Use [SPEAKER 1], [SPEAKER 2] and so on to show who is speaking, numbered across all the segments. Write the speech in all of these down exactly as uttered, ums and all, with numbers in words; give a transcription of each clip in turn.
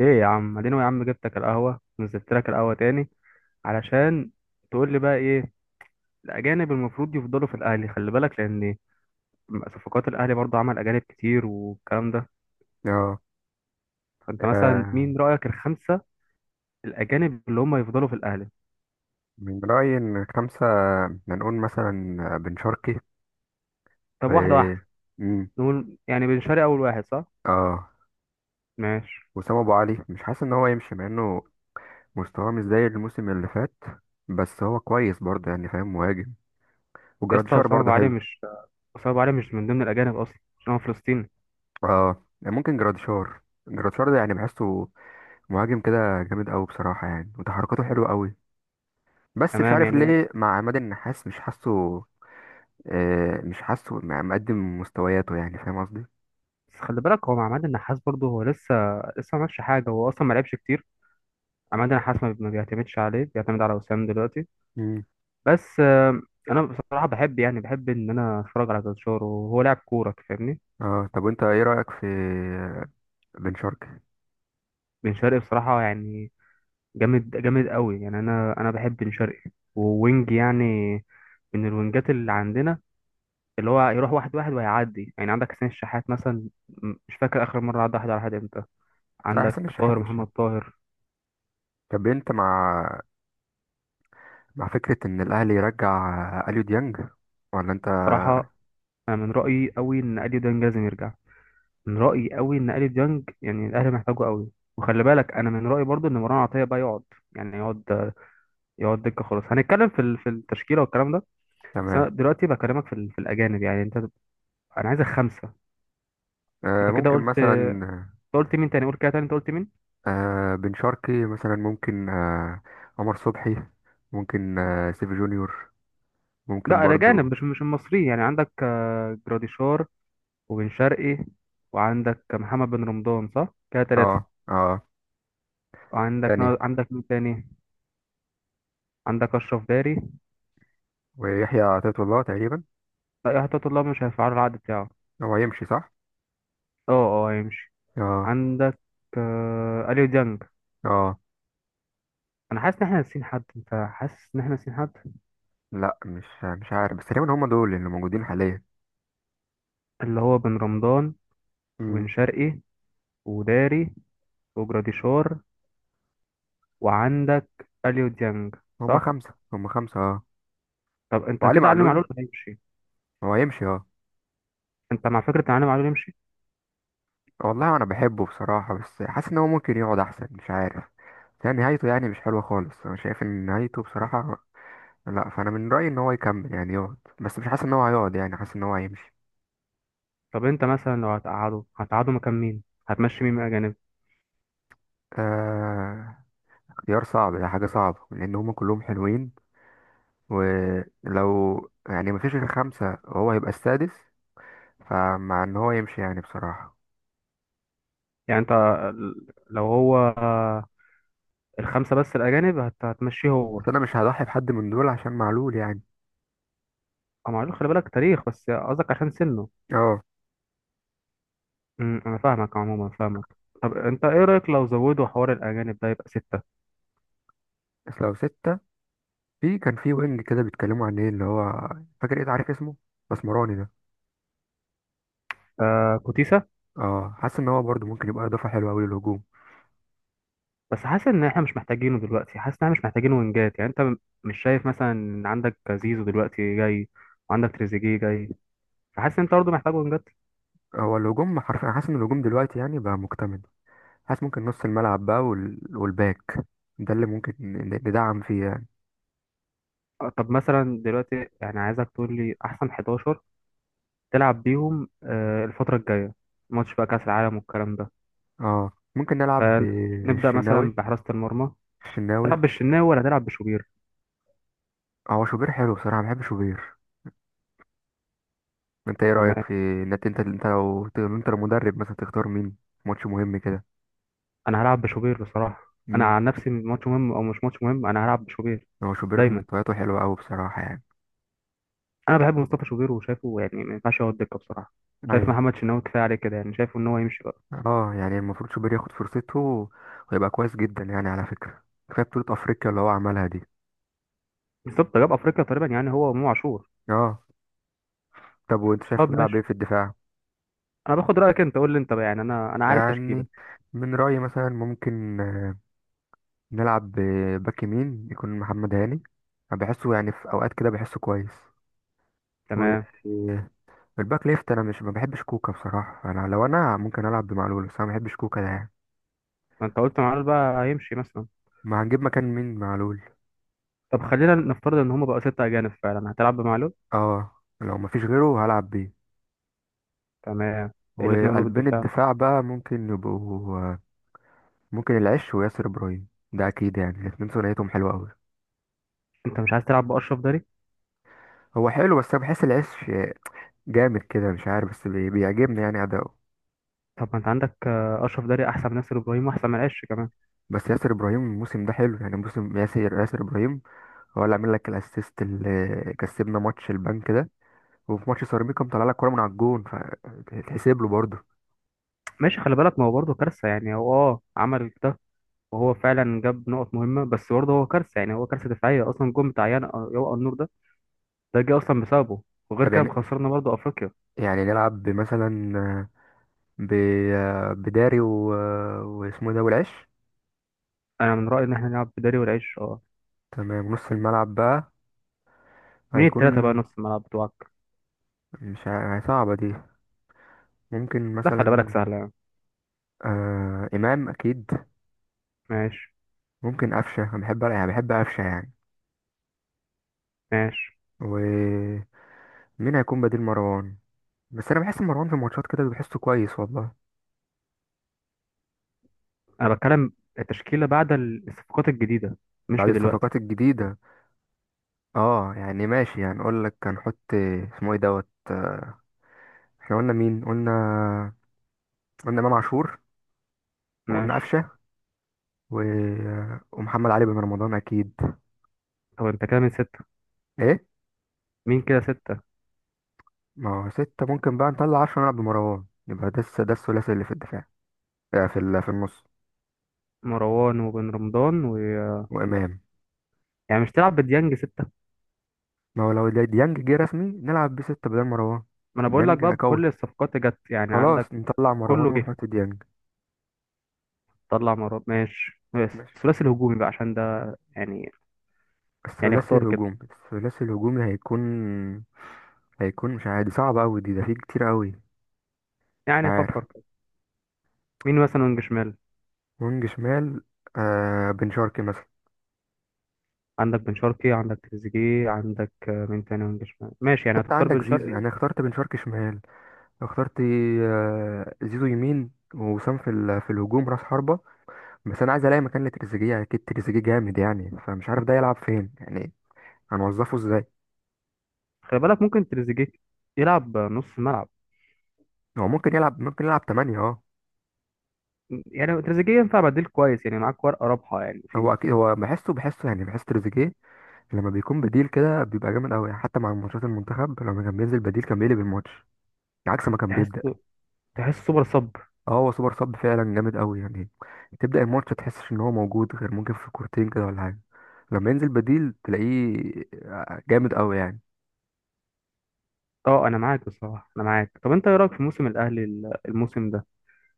[SPEAKER 1] ايه يا عم، اديني يا عم. جبتك القهوه، نزلت لك القهوه تاني علشان تقول لي بقى ايه الاجانب المفروض يفضلوا في الاهلي. خلي بالك، لان صفقات الاهلي برضو عمل اجانب كتير والكلام ده.
[SPEAKER 2] اه،
[SPEAKER 1] فانت مثلا
[SPEAKER 2] آه،
[SPEAKER 1] مين رايك الخمسه الاجانب اللي هم يفضلوا في الاهلي؟
[SPEAKER 2] من رأيي إن خمسة، هنقول مثلا بن شرقي، و
[SPEAKER 1] طب واحده واحده،
[SPEAKER 2] مم.
[SPEAKER 1] نقول يعني بن شرقي اول واحد صح؟
[SPEAKER 2] اه
[SPEAKER 1] ماشي.
[SPEAKER 2] وسام أبو علي مش حاسس إن هو يمشي، مع إنه مستواه مش زي الموسم اللي فات، بس هو كويس برضه، يعني فاهم، مهاجم.
[SPEAKER 1] يا اسطى،
[SPEAKER 2] وجراديشار
[SPEAKER 1] اسامه
[SPEAKER 2] برضه
[SPEAKER 1] ابو علي
[SPEAKER 2] حلو.
[SPEAKER 1] مش، اسامه ابو علي مش من ضمن الاجانب اصلا عشان هو فلسطيني.
[SPEAKER 2] اه ممكن جراديشار. جراديشار ده يعني بحسه مهاجم كده جامد أوي بصراحة، يعني وتحركاته حلوة أوي، بس مش
[SPEAKER 1] تمام
[SPEAKER 2] عارف
[SPEAKER 1] يعني.
[SPEAKER 2] ليه مع عماد النحاس مش حاسه. آه مش حاسه مقدم مستوياته، يعني فاهم قصدي؟
[SPEAKER 1] بس خلي بالك هو مع عماد النحاس برضه هو لسه لسه ما عملش حاجه، هو اصلا ما لعبش كتير. عماد النحاس ما ما بيعتمدش عليه، بيعتمد على وسام دلوقتي. بس آه، انا بصراحه بحب، يعني بحب ان انا اتفرج على جلشار وهو لاعب كوره، فاهمني؟
[SPEAKER 2] اه طب وانت ايه رأيك في بن شرقي؟
[SPEAKER 1] بن شرقي بصراحه يعني جامد جامد قوي يعني. انا انا بحب بن شرقي ووينج يعني، من الوينجات اللي عندنا، اللي هو يروح واحد واحد وهيعدي. يعني عندك حسين الشحات مثلا م- مش فاكر اخر مره عدى واحد على واحد امتى.
[SPEAKER 2] لا،
[SPEAKER 1] عندك
[SPEAKER 2] حسين الشحات
[SPEAKER 1] طاهر
[SPEAKER 2] مش
[SPEAKER 1] محمد
[SPEAKER 2] يعني.
[SPEAKER 1] طاهر.
[SPEAKER 2] طب انت مع مع فكرة ان الاهلي يرجع اليو ديانج، ولا انت؟
[SPEAKER 1] بصراحه انا من رايي قوي ان اديو ده لازم يرجع، من رأيي قوي ان اليو ديانج يعني الاهلي محتاجه قوي. وخلي بالك انا من رأيي برضو ان مروان عطية بقى يقعد، يعني يقعد، يقعد دكة. خلاص هنتكلم في ال- في التشكيلة والكلام ده. بس
[SPEAKER 2] تمام.
[SPEAKER 1] انا دلوقتي بكلمك في ال- في الاجانب، يعني انت، انا عايزك خمسة.
[SPEAKER 2] آه
[SPEAKER 1] انت كده
[SPEAKER 2] ممكن
[SPEAKER 1] قلت، أنت
[SPEAKER 2] مثلا
[SPEAKER 1] قلت مين تاني؟ قول كده تاني، انت قلت مين؟
[SPEAKER 2] آه بن شرقي مثلا ممكن، آه عمر صبحي ممكن، آه سيف جونيور ممكن
[SPEAKER 1] لا الاجانب،
[SPEAKER 2] برضو.
[SPEAKER 1] مش مش المصريين. يعني عندك آه، جراديشار وبن شرقي، وعندك محمد بن رمضان، صح كده
[SPEAKER 2] اه
[SPEAKER 1] ثلاثة.
[SPEAKER 2] اه
[SPEAKER 1] وعندك
[SPEAKER 2] تاني
[SPEAKER 1] نا- عندك مين تاني؟ عندك اشرف داري.
[SPEAKER 2] ويحيى عطية الله تقريبا.
[SPEAKER 1] لا، يا حتى الله مش هيفعلوا العقد بتاعه.
[SPEAKER 2] هو هيمشي صح؟
[SPEAKER 1] اه. اه هيمشي.
[SPEAKER 2] اه
[SPEAKER 1] عندك آه، اليو ديانج.
[SPEAKER 2] اه.
[SPEAKER 1] انا حاسس ان احنا ناسيين حد، انت حاسس ان احنا ناسيين حد؟
[SPEAKER 2] لا، مش مش عارف بس تقريبا هم دول اللي موجودين حاليا.
[SPEAKER 1] اللي هو بن رمضان وبن
[SPEAKER 2] امم
[SPEAKER 1] شرقي وداري وجراديشار، وعندك اليو ديانج.
[SPEAKER 2] هم
[SPEAKER 1] صح.
[SPEAKER 2] خمسة، هم خمسة. اه،
[SPEAKER 1] طب انت
[SPEAKER 2] وعلي
[SPEAKER 1] كده علي
[SPEAKER 2] معلول
[SPEAKER 1] معلول هيمشي؟
[SPEAKER 2] هو يمشي. اه
[SPEAKER 1] انت مع فكره ان علي معلول يمشي؟
[SPEAKER 2] والله انا بحبه بصراحة، بس حاسس ان هو ممكن يقعد احسن، مش عارف. يعني نهايته، يعني مش حلوة خالص، انا شايف ان نهايته بصراحة لا، فانا من رأيي ان هو يكمل يعني يقعد، بس مش حاسس ان هو هيقعد، يعني حاسس ان هو هيمشي.
[SPEAKER 1] طب انت مثلا لو هتقعده، هتقعده مكان مين؟ هتمشي مين من الاجانب؟
[SPEAKER 2] آه اختيار صعب ده، حاجة صعبة لان هما كلهم حلوين، ولو يعني مفيش غير خمسة وهو هيبقى السادس، فمع ان هو يمشي يعني بصراحة.
[SPEAKER 1] يعني انت ال- لو هو آه، الخمسه بس الاجانب، هت- هتمشيه هو؟
[SPEAKER 2] بس انا مش هضحي بحد من دول عشان معلول يعني.
[SPEAKER 1] أه معلول، خلي بالك تاريخ. بس قصدك عشان سنه؟
[SPEAKER 2] اه
[SPEAKER 1] أمم، انا فاهمك، عموما فاهمك. طب انت ايه رايك لو زودوا حوار الاجانب ده يبقى سته؟
[SPEAKER 2] بس لو ستة، في كان في وينج كده بيتكلموا عن ايه اللي هو، فاكر ايه، عارف اسمه، مسمراني ده.
[SPEAKER 1] آه كوتيسا؟
[SPEAKER 2] اه حاسس ان هو برضه ممكن يبقى اضافه حلوه قوي للهجوم.
[SPEAKER 1] بس حاسس ان احنا مش محتاجينه دلوقتي، حاسس ان احنا مش محتاجين وينجات. يعني انت م- مش شايف مثلا ان عندك زيزو دلوقتي جاي، وعندك تريزيجيه جاي؟ فحاسس ان انت برضه محتاج وينجات.
[SPEAKER 2] هو الهجوم حرفيا، حاسس ان الهجوم دلوقتي يعني بقى مكتمل. حاسس ممكن نص الملعب بقى، وال... والباك، ده اللي ممكن ن- ندعم فيه يعني.
[SPEAKER 1] آه، طب مثلا دلوقتي يعني عايزك تقول لي احسن احدعشر تلعب بيهم آه الفتره الجايه، ماتش بقى كاس العالم والكلام ده.
[SPEAKER 2] اه ممكن نلعب
[SPEAKER 1] فنبدا مثلا
[SPEAKER 2] بالشناوي.
[SPEAKER 1] بحراسه المرمى،
[SPEAKER 2] الشناوي.
[SPEAKER 1] تلعب بالشناوي ولا تلعب بشوبير؟
[SPEAKER 2] هو شوبير حلو بصراحه، بحب شوبير. انت ايه رايك
[SPEAKER 1] تمام.
[SPEAKER 2] في ان انت، انت انت لو لو انت المدرب مثلا، تختار مين ماتش مهم كده؟
[SPEAKER 1] انا هلعب بشوبير بصراحه. انا
[SPEAKER 2] امم
[SPEAKER 1] عن نفسي، ماتش مهم او مش ماتش مهم، انا هلعب بشوبير
[SPEAKER 2] هو شوبير
[SPEAKER 1] دايما.
[SPEAKER 2] مستوياته حلوه قوي بصراحه يعني.
[SPEAKER 1] انا بحب مصطفى شوبير وشايفه يعني ما ينفعش يقعد دكه بصراحه. شايف
[SPEAKER 2] ايوه،
[SPEAKER 1] محمد شناوي كفايه عليه كده، يعني شايفه ان هو يمشي بقى.
[SPEAKER 2] اه يعني المفروض شوبير ياخد فرصته ويبقى كويس جدا، يعني على فكرة كفاية بطولة افريقيا اللي هو عملها دي.
[SPEAKER 1] بالظبط، جاب افريقيا تقريبا، يعني هو وامام عاشور.
[SPEAKER 2] اه طب وانت شايف
[SPEAKER 1] طب
[SPEAKER 2] نلعب ايه
[SPEAKER 1] ماشي،
[SPEAKER 2] في الدفاع؟
[SPEAKER 1] انا باخد رايك. انت قول لي انت بقى، يعني انا انا عارف تشكيله.
[SPEAKER 2] يعني من رأيي مثلا ممكن، آه، نلعب باك يمين يكون محمد هاني، أنا بحسه يعني في اوقات كده بحسه كويس.
[SPEAKER 1] تمام.
[SPEAKER 2] والباك ليفت، انا مش، ما بحبش كوكا بصراحة، انا لو انا ممكن العب بمعلول، بس انا ما بحبش كوكا ده يعني.
[SPEAKER 1] ما انت قلت معلول بقى هيمشي مثلا.
[SPEAKER 2] ما هنجيب مكان مين معلول؟
[SPEAKER 1] طب خلينا نفترض ان هما بقوا سته اجانب فعلا، هتلعب بمعلول؟
[SPEAKER 2] اه، لو ما فيش غيره هلعب بيه.
[SPEAKER 1] تمام. الاثنين قلوب
[SPEAKER 2] وقلبين
[SPEAKER 1] الدفاع،
[SPEAKER 2] الدفاع بقى ممكن يبقوا، آه، ممكن العش وياسر ابراهيم، ده اكيد يعني الاتنين ثنائيتهم حلوه قوي.
[SPEAKER 1] انت مش عايز تلعب باشرف داري؟
[SPEAKER 2] هو حلو بس انا بحس العش جامد كده، مش عارف بس بي- بيعجبني يعني اداؤه.
[SPEAKER 1] طب ما انت عندك آه، اشرف داري احسن من ياسر ابراهيم، واحسن من عش كمان.
[SPEAKER 2] بس ياسر ابراهيم الموسم ده حلو، يعني موسم ياسر ياسر ابراهيم، هو اللي عامل لك الاسيست اللي كسبنا ماتش البنك ده، وفي ماتش سيراميكا مطلع لك كوره من على الجون فتحسب له برضه.
[SPEAKER 1] ماشي، خلي بالك ما هو برضه كارثة. يعني هو اه، عمل ده، وهو فعلا جاب نقط مهمة، بس برضه هو كارثة يعني. هو كارثة دفاعية أصلا. جون بتاع يان- يوقع النور ده، ده جه أصلا بسببه. وغير
[SPEAKER 2] طب
[SPEAKER 1] كده
[SPEAKER 2] يعني،
[SPEAKER 1] خسرنا برضه أفريقيا.
[SPEAKER 2] يعني نلعب مثلا ب بداري و... واسمه إيه ده، والعش.
[SPEAKER 1] أنا من رأيي إن إحنا نلعب بداري والعيش، اه.
[SPEAKER 2] تمام. نص الملعب بقى
[SPEAKER 1] مين التلاتة بقى
[SPEAKER 2] هيكون،
[SPEAKER 1] نص الملعب بتوعك؟
[SPEAKER 2] مش ع- صعبة دي، ممكن
[SPEAKER 1] لا خلي بالك
[SPEAKER 2] مثلا،
[SPEAKER 1] سهلة يعني.
[SPEAKER 2] آه إمام أكيد،
[SPEAKER 1] ماشي
[SPEAKER 2] ممكن قفشة، أنا بحب يعني بحب قفشة يعني.
[SPEAKER 1] ماشي
[SPEAKER 2] ومين هيكون بديل مروان؟ بس أنا بحس مروان في الماتشات كده بحسه كويس والله.
[SPEAKER 1] أنا بتكلم التشكيلة بعد الصفقات الجديدة، مش
[SPEAKER 2] بعد
[SPEAKER 1] في دلوقتي.
[SPEAKER 2] الصفقات الجديدة، اه يعني ماشي يعني أقول لك هنحط، اسمه ايه دوت آه، احنا قلنا مين؟ قلنا قلنا إمام عاشور، وقلنا
[SPEAKER 1] ماشي.
[SPEAKER 2] قفشة، و... آه، ومحمد علي بن رمضان أكيد.
[SPEAKER 1] طب أنت كده من ستة،
[SPEAKER 2] ايه؟
[SPEAKER 1] مين كده ستة؟
[SPEAKER 2] ما هو ستة، ممكن بقى نطلع عشرة نلعب بمروان، يبقى ده الس- ده الثلاثي اللي في الدفاع، آه، في ال- في النص.
[SPEAKER 1] مروان وبن رمضان و،
[SPEAKER 2] وإمام.
[SPEAKER 1] يعني مش تلعب بديانج ستة؟
[SPEAKER 2] ما هو لو دي- ديانج جه رسمي نلعب بستة بدل مروان.
[SPEAKER 1] ما أنا بقول لك
[SPEAKER 2] ديانج
[SPEAKER 1] بقى
[SPEAKER 2] قوي،
[SPEAKER 1] بكل الصفقات اللي جت يعني،
[SPEAKER 2] خلاص
[SPEAKER 1] عندك
[SPEAKER 2] نطلع مروان
[SPEAKER 1] كله جه.
[SPEAKER 2] ونحط ديانج.
[SPEAKER 1] طلع مراد، ماشي.
[SPEAKER 2] ماشي.
[SPEAKER 1] الثلاثي الهجومي بقى، عشان ده يعني يعني
[SPEAKER 2] الثلاثي
[SPEAKER 1] اختار كده،
[SPEAKER 2] الهجوم الثلاثي الهجومي هيكون، هيكون مش عادي، صعب أوي دي، ده فيه كتير أوي. مش
[SPEAKER 1] يعني
[SPEAKER 2] عارف.
[SPEAKER 1] فكر كده. مين مثلا وينج شمال؟
[SPEAKER 2] وينج شمال؟ آه بن شرقي مثلا.
[SPEAKER 1] عندك بن شرقي، عندك تريزيجيه، عندك آه، مين تاني وينج شمال؟ ماشي يعني
[SPEAKER 2] انت
[SPEAKER 1] هتختار
[SPEAKER 2] عندك
[SPEAKER 1] بن
[SPEAKER 2] زيزو
[SPEAKER 1] شرقي.
[SPEAKER 2] يعني، اخترت بن شرقي شمال، اخترت، آه زيزو يمين، وسام في ال- في الهجوم راس حربة. بس انا عايز الاقي مكان لتريزيجيه، اكيد تريزيجيه جامد يعني، فمش عارف ده يلعب فين يعني، هنوظفه ازاي؟
[SPEAKER 1] خلي بالك ممكن تريزيجيه يلعب نص ملعب.
[SPEAKER 2] هو ممكن يلعب، ممكن يلعب تمانية. اه
[SPEAKER 1] يعني تريزيجيه ينفع بديل كويس، يعني معاك ورقة رابحة يعني
[SPEAKER 2] هو
[SPEAKER 1] في،
[SPEAKER 2] اكيد، هو بحسه بحسه يعني بحس تريزيجيه لما بيكون بديل كده بيبقى جامد قوي، يعني حتى مع ماتشات المنتخب لما كان بينزل بديل كان بيقلب الماتش عكس ما كان
[SPEAKER 1] تحس،
[SPEAKER 2] بيبدأ.
[SPEAKER 1] تحس سوبر صب.
[SPEAKER 2] اه، هو سوبر صب فعلا جامد قوي يعني. تبدأ الماتش تحسش ان هو موجود، غير ممكن في كورتين كده ولا حاجة، لما ينزل بديل تلاقيه آه، جامد قوي يعني.
[SPEAKER 1] اه انا معاك بصراحة، انا معاك. طب انت ايه رأيك في موسم الاهلي ال- الموسم ده؟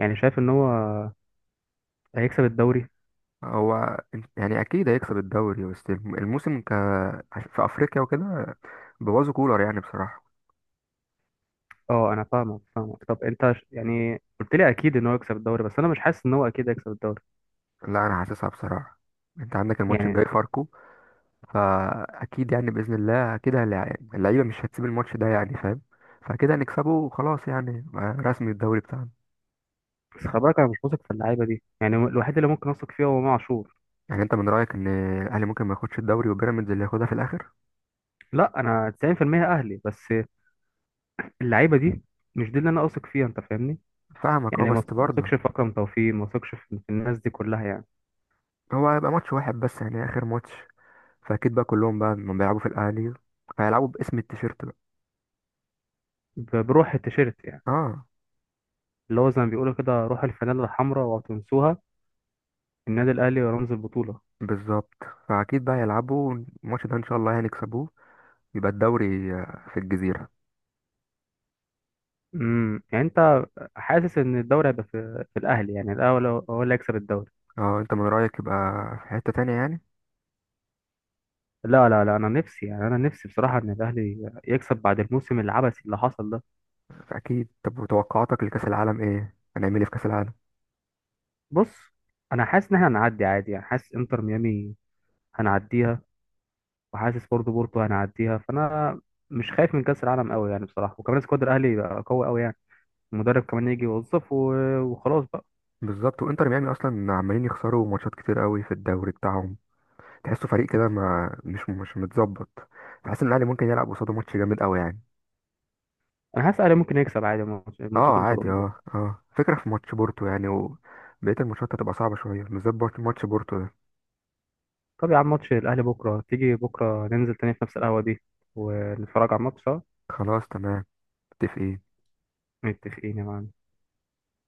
[SPEAKER 1] يعني شايف ان هو هيكسب الدوري؟
[SPEAKER 2] هو يعني اكيد هيكسب الدوري، بس الموسم ك في افريقيا وكده بوظوا كولر يعني بصراحة.
[SPEAKER 1] اه انا فاهمك، فاهمك. طب انت ش- يعني قلت لي اكيد ان هو يكسب الدوري، بس انا مش حاسس ان هو اكيد هيكسب الدوري
[SPEAKER 2] لا، انا حاسسها بصراحة. انت عندك الماتش
[SPEAKER 1] يعني.
[SPEAKER 2] الجاي فاركو، فاكيد يعني باذن الله كده اللع- اللعيبه مش هتسيب الماتش ده يعني فاهم. فكده هنكسبه وخلاص، يعني رسمي الدوري بتاعنا.
[SPEAKER 1] بس خلي بالك انا مش واثق في اللعيبه دي يعني. هو الوحيد اللي ممكن اثق فيه هو امام عاشور.
[SPEAKER 2] يعني انت من رايك ان الاهلي ممكن ما ياخدش الدوري وبيراميدز اللي ياخدها في الاخر؟
[SPEAKER 1] لا انا تسعين في المية اهلي، بس اللعيبه دي مش دي اللي انا اثق فيها، انت فاهمني؟
[SPEAKER 2] فاهمك، اه
[SPEAKER 1] يعني
[SPEAKER 2] بس
[SPEAKER 1] ما
[SPEAKER 2] برضه
[SPEAKER 1] اثقش في اكرم توفيق، ما اثقش في في الناس دي كلها يعني.
[SPEAKER 2] هو هيبقى ماتش واحد بس، يعني اخر ماتش، فاكيد بقى كلهم بقى لما بيلعبوا في الاهلي هيلعبوا باسم التيشيرت بقى.
[SPEAKER 1] ب- بروح التيشيرت يعني،
[SPEAKER 2] اه،
[SPEAKER 1] اللي هو زي ما بيقولوا كده، روح الفانيلا الحمراء وتنسوها. النادي الاهلي رمز البطوله.
[SPEAKER 2] بالظبط، فاكيد بقى يلعبوا الماتش ده ان شاء الله هنكسبوه، يبقى الدوري آه، في الجزيره.
[SPEAKER 1] امم، يعني انت حاسس ان الدوري هيبقى في, في الاهلي يعني الاول؟ هو هو اللي هيكسب الدوري؟
[SPEAKER 2] اه انت من رايك يبقى في حته تانية يعني؟
[SPEAKER 1] لا لا لا، انا نفسي يعني، انا نفسي بصراحه ان الاهلي يكسب بعد الموسم العبثي اللي حصل ده.
[SPEAKER 2] اكيد. طب وتوقعاتك لكاس العالم ايه؟ هنعمل ايه في كاس العالم؟
[SPEAKER 1] بص، انا حاسس ان احنا هنعدي عادي. يعني حاسس انتر ميامي هنعديها، وحاسس برضه بورتو هنعديها. فانا مش خايف من كاس العالم قوي يعني بصراحه. وكمان سكواد الاهلي بقى قوي قوي يعني، المدرب كمان يجي يوظف و- وخلاص بقى.
[SPEAKER 2] بالظبط، وانتر ميامي اصلا عمالين يخسروا ماتشات كتير قوي في الدوري بتاعهم، تحسه فريق كده ما، مش مش متظبط، تحس ان الاهلي ممكن يلعب قصاده ماتش جامد قوي يعني.
[SPEAKER 1] انا حاسس الاهلي ممكن يكسب عادي الماتش-
[SPEAKER 2] اه
[SPEAKER 1] الماتشات اللي
[SPEAKER 2] عادي
[SPEAKER 1] قصادهم دي.
[SPEAKER 2] اه اه فكره في ماتش بورتو يعني، وبقيه الماتشات هتبقى صعبه شويه، بالذات بورت- ماتش بورتو ده.
[SPEAKER 1] طب يا عم، ماتش الاهلي بكره، تيجي بكره ننزل تاني في نفس القهوه دي ونتفرج على الماتش سوا؟
[SPEAKER 2] خلاص، تمام، متفقين.
[SPEAKER 1] متفقين يا معلم.